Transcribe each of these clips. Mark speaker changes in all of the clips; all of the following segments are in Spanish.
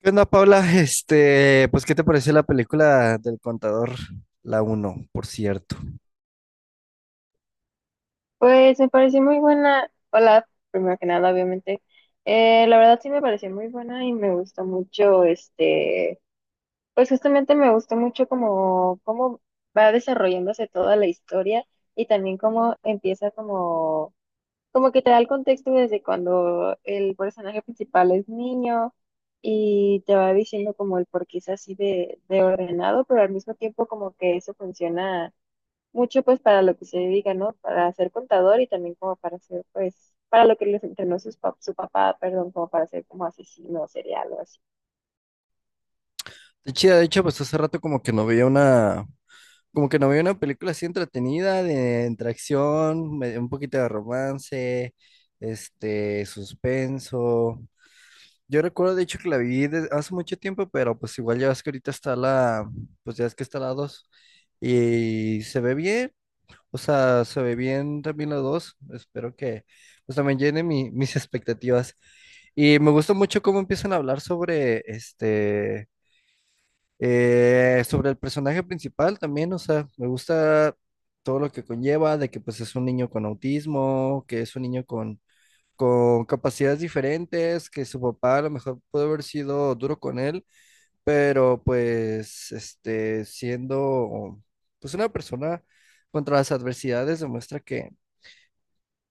Speaker 1: ¿Qué onda, Paula? ¿Qué te pareció la película del contador? La Uno, por cierto.
Speaker 2: Pues me pareció muy buena. Hola, primero que nada, obviamente. La verdad sí me pareció muy buena y me gustó mucho, pues justamente me gustó mucho como cómo va desarrollándose toda la historia y también cómo empieza como, como que te da el contexto desde cuando el personaje principal es niño y te va diciendo como el por qué es así de ordenado, pero al mismo tiempo como que eso funciona mucho pues para lo que se dedica, ¿no? Para ser contador y también como para ser pues, para lo que les entrenó su papá, perdón, como para ser como asesino serial o así.
Speaker 1: De chida, de hecho, pues hace rato como que no veía una película así entretenida, de entre acción, un poquito de romance, suspenso. Yo recuerdo, de hecho, que la vi hace mucho tiempo, pero pues igual ya ves que pues ya es que está la 2 y se ve bien. O sea, se ve bien también los dos. Espero que pues también llene mis expectativas. Y me gusta mucho cómo empiezan a hablar sobre sobre el personaje principal también. O sea, me gusta todo lo que conlleva de que pues es un niño con autismo, que es un con capacidades diferentes, que su papá a lo mejor puede haber sido duro con él, pero pues este siendo pues una persona contra las adversidades demuestra que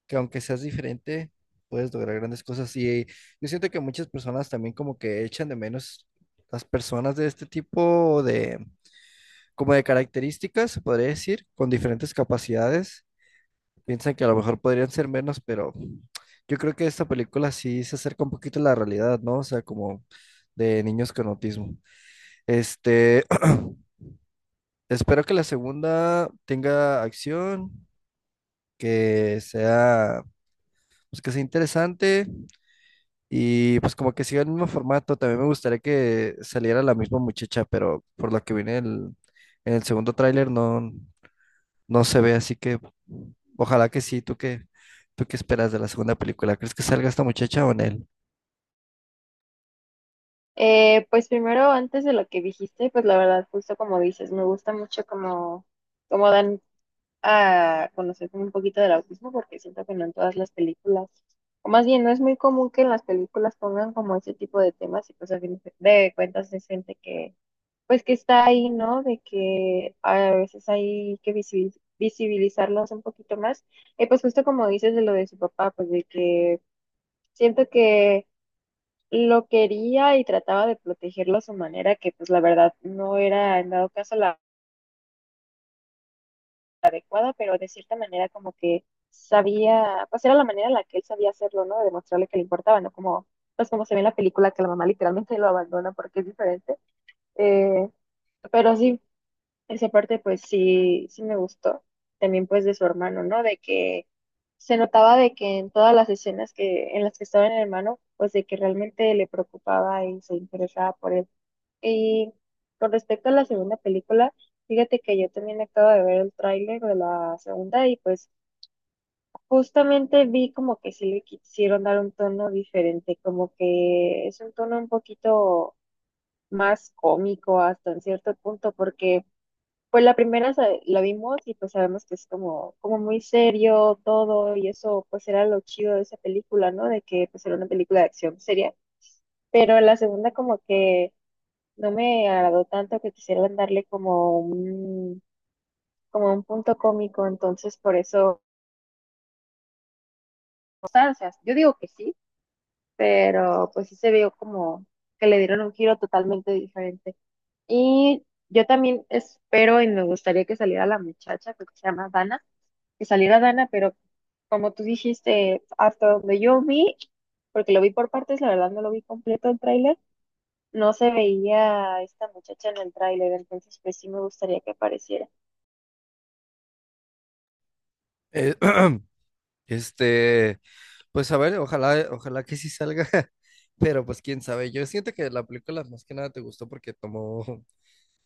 Speaker 1: que aunque seas diferente, puedes lograr grandes cosas. Y yo siento que muchas personas también como que echan de menos las personas de este tipo de, como de características, se podría decir, con diferentes capacidades. Piensan que a lo mejor podrían ser menos, pero yo creo que esta película sí se acerca un poquito a la realidad, ¿no? O sea, como de niños con autismo. Este, espero que la segunda tenga acción, que sea, pues que sea interesante. Y pues como que siga el mismo formato, también me gustaría que saliera la misma muchacha, pero por lo que vi en el segundo tráiler, no se ve, así que ojalá que sí. ¿Tú qué esperas de la segunda película? ¿Crees que salga esta muchacha o en él?
Speaker 2: Pues primero, antes de lo que dijiste, pues la verdad, justo como dices, me gusta mucho como, como dan a conocer como un poquito del autismo porque siento que no en todas las películas, o más bien no es muy común que en las películas pongan como ese tipo de temas y pues a fin de cuentas es gente que pues que está ahí, ¿no? De que a veces hay que visibilizarlos un poquito más. Y pues justo como dices de lo de su papá, pues de que siento que lo quería y trataba de protegerlo a su manera, que pues la verdad no era en dado caso la adecuada, pero de cierta manera como que sabía, pues era la manera en la que él sabía hacerlo, ¿no? De demostrarle que le importaba, ¿no? Como, pues como se ve en la película que la mamá literalmente lo abandona porque es diferente. Eh, pero sí, esa parte pues sí, sí me gustó. También pues de su hermano, ¿no? De que se notaba de que en todas las escenas que, en las que estaba el hermano, pues de que realmente le preocupaba y se interesaba por él. Y con respecto a la segunda película, fíjate que yo también acabo de ver el tráiler de la segunda y pues justamente vi como que sí le quisieron dar un tono diferente, como que es un tono un poquito más cómico hasta en cierto punto, porque pues la la vimos y pues sabemos que es como, como muy serio todo y eso pues era lo chido de esa película, ¿no? De que pues era una película de acción seria. Pero la segunda como que no me agradó tanto que quisieran darle como un punto cómico, entonces por eso, o sea, yo digo que sí, pero pues sí se vio como que le dieron un giro totalmente diferente. Y yo también espero y me gustaría que saliera la muchacha, creo que se llama Dana, que saliera Dana, pero como tú dijiste, hasta donde yo vi, porque lo vi por partes, la verdad no lo vi completo el tráiler, no se veía a esta muchacha en el tráiler, entonces pues sí me gustaría que apareciera.
Speaker 1: Eh, este, pues a ver, ojalá que sí salga, pero pues quién sabe, yo siento que la película más que nada te gustó porque tomó,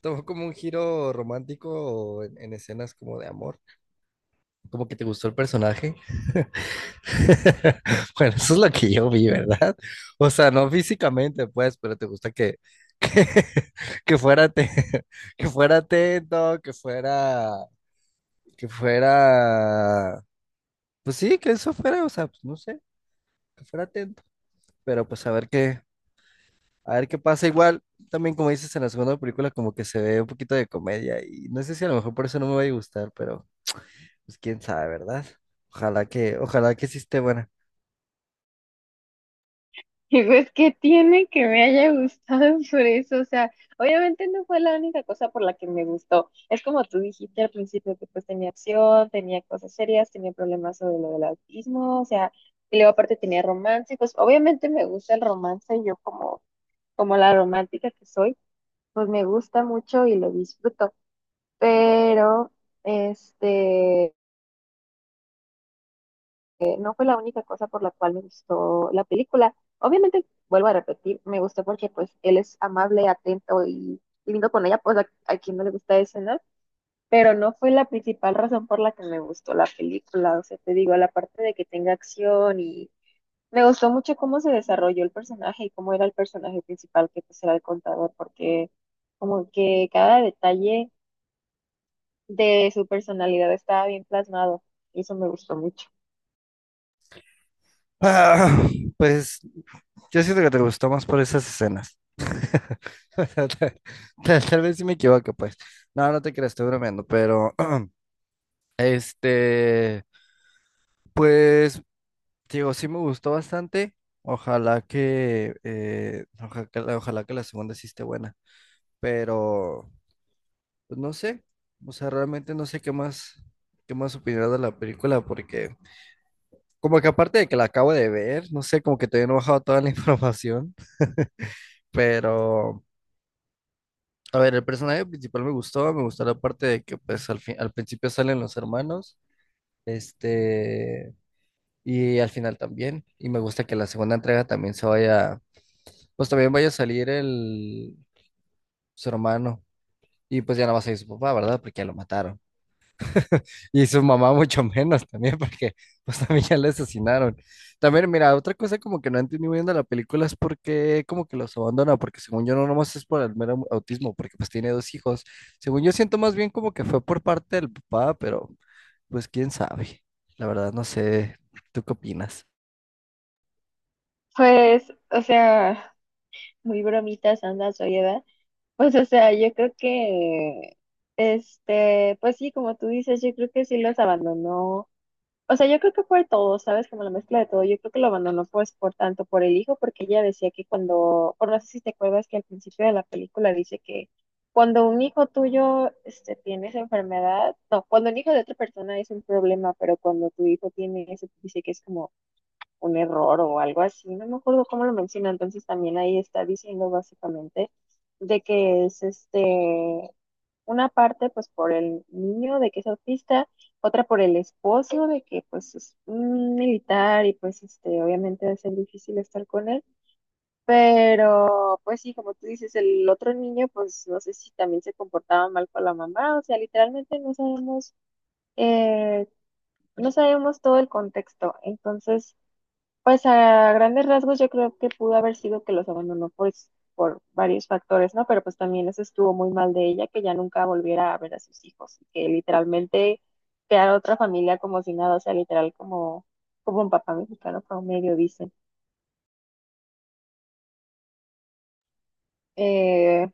Speaker 1: tomó como un giro romántico en escenas como de amor, como que te gustó el personaje. Bueno, eso es lo que yo vi, ¿verdad? O sea, no físicamente, pues, pero te gusta que, que fuera te- que fuera atento, que fuera, pues sí, que eso fuera, o sea, pues no sé, que fuera atento, pero pues a ver qué pasa. Igual, también como dices en la segunda película, como que se ve un poquito de comedia y no sé si a lo mejor por eso no me va a gustar, pero pues quién sabe, ¿verdad? Ojalá que sí esté buena.
Speaker 2: Y pues qué tiene que me haya gustado por eso, o sea, obviamente no fue la única cosa por la que me gustó. Es como tú dijiste al principio que pues tenía acción, tenía cosas serias, tenía problemas sobre lo del autismo, o sea, y luego aparte tenía romance, y pues obviamente me gusta el romance, yo como como la romántica que soy, pues me gusta mucho y lo disfruto. Pero este no fue la única cosa por la cual me gustó la película. Obviamente, vuelvo a repetir, me gustó porque pues él es amable, atento y lindo con ella, pues a quien no le gusta eso, ¿no? Pero no fue la principal razón por la que me gustó la película. O sea, te digo, la parte de que tenga acción y me gustó mucho cómo se desarrolló el personaje y cómo era el personaje principal, que pues era el contador, porque como que cada detalle de su personalidad estaba bien plasmado y eso me gustó mucho.
Speaker 1: Ah, pues yo siento que te gustó más por esas escenas. Tal vez sí me equivoco, pues. No te creas, estoy bromeando, pero este, pues, digo, sí me gustó bastante. Ojalá que la segunda sí esté buena, pero pues, no sé, o sea, realmente no sé qué más opinar de la película, porque como que aparte de que la acabo de ver, no sé, como que todavía no he bajado toda la información, pero a ver, el personaje principal me gustó, la parte de que pues al principio salen los hermanos, este, y al final también, y me gusta que la segunda entrega también pues también vaya a salir su hermano, y pues ya no va a salir su papá, ¿verdad? Porque ya lo mataron. Y su mamá mucho menos también, porque pues también ya la asesinaron. También, mira, otra cosa como que no entendí muy bien de la película es por qué como que los abandona, porque según yo no nomás es por el mero autismo, porque pues tiene dos hijos. Según yo siento más bien como que fue por parte del papá, pero pues quién sabe. La verdad no sé, ¿tú qué opinas?
Speaker 2: Pues, o sea, muy bromitas anda oye, ¿verdad? Pues, o sea, yo creo que, pues sí, como tú dices, yo creo que sí los abandonó. O sea, yo creo que fue todo, ¿sabes? Como la mezcla de todo. Yo creo que lo abandonó pues por tanto por el hijo, porque ella decía que cuando, por no sé si te acuerdas que al principio de la película dice que cuando un hijo tuyo tiene esa enfermedad, no, cuando un hijo de otra persona es un problema, pero cuando tu hijo tiene eso, dice que es como un error o algo así. No me acuerdo cómo lo menciona. Entonces también ahí está diciendo básicamente de que es una parte pues por el niño de que es autista, otra por el esposo de que pues es un militar y pues este obviamente va a ser difícil estar con él, pero pues sí, como tú dices, el otro niño pues no sé si también se comportaba mal con la mamá, o sea, literalmente no sabemos eh, no sabemos todo el contexto, entonces pues a grandes rasgos yo creo que pudo haber sido que los abandonó por varios factores, ¿no? Pero pues también eso estuvo muy mal de ella, que ya nunca volviera a ver a sus hijos, y que literalmente crear otra familia como si nada, o sea, literal como, como un papá mexicano medio dicen. Eh,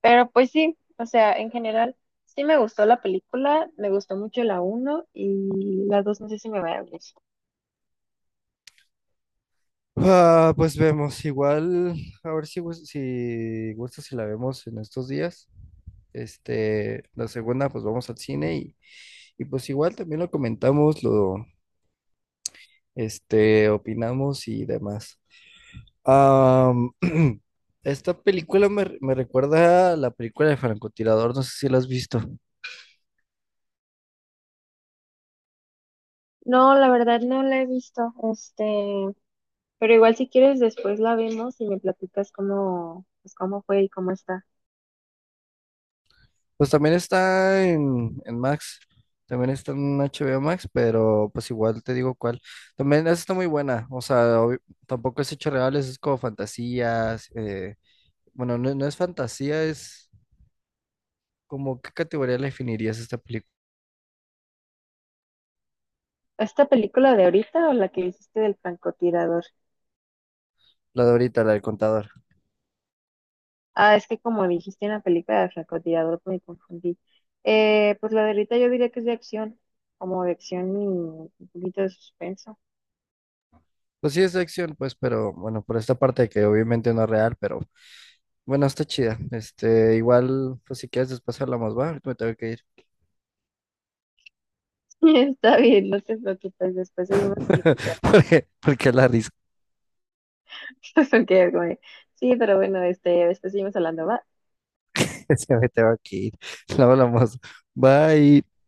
Speaker 2: pero pues sí, o sea, en general sí me gustó la película, me gustó mucho la uno y la 2 no sé si me va a gustar.
Speaker 1: Ah, pues vemos, igual, a ver si, gus- si gusta si la vemos en estos días. La segunda, pues vamos al cine y pues igual también lo comentamos, opinamos y demás. Am, esta película me recuerda a la película de Francotirador, no sé si la has visto.
Speaker 2: No, la verdad no la he visto, pero igual si quieres después la vemos y me platicas cómo, pues cómo fue y cómo está.
Speaker 1: Pues también está en Max, también está en HBO Max, pero pues igual te digo cuál. También esa está muy buena, o sea, tampoco es hechos reales, es como fantasías. Bueno, no es fantasía, es como, ¿qué categoría le definirías esta película?
Speaker 2: ¿Esta película de ahorita o la que hiciste del francotirador?
Speaker 1: La de ahorita, la del contador.
Speaker 2: Ah, es que como dijiste en la película del francotirador me confundí. Pues la de ahorita yo diría que es de acción, como de acción y un poquito de suspenso.
Speaker 1: Pues sí, es de acción, pues, pero bueno, por esta parte que obviamente no es real, pero bueno, está chida. Igual, pues si quieres después hablamos, va, ahorita me tengo que ir.
Speaker 2: Está bien, no te preocupes, después seguimos platicando.
Speaker 1: Porque la risa
Speaker 2: Ok, güey. Sí, pero bueno, después seguimos hablando, ¿va?
Speaker 1: se me tengo que ir. Luego hablamos. Bye.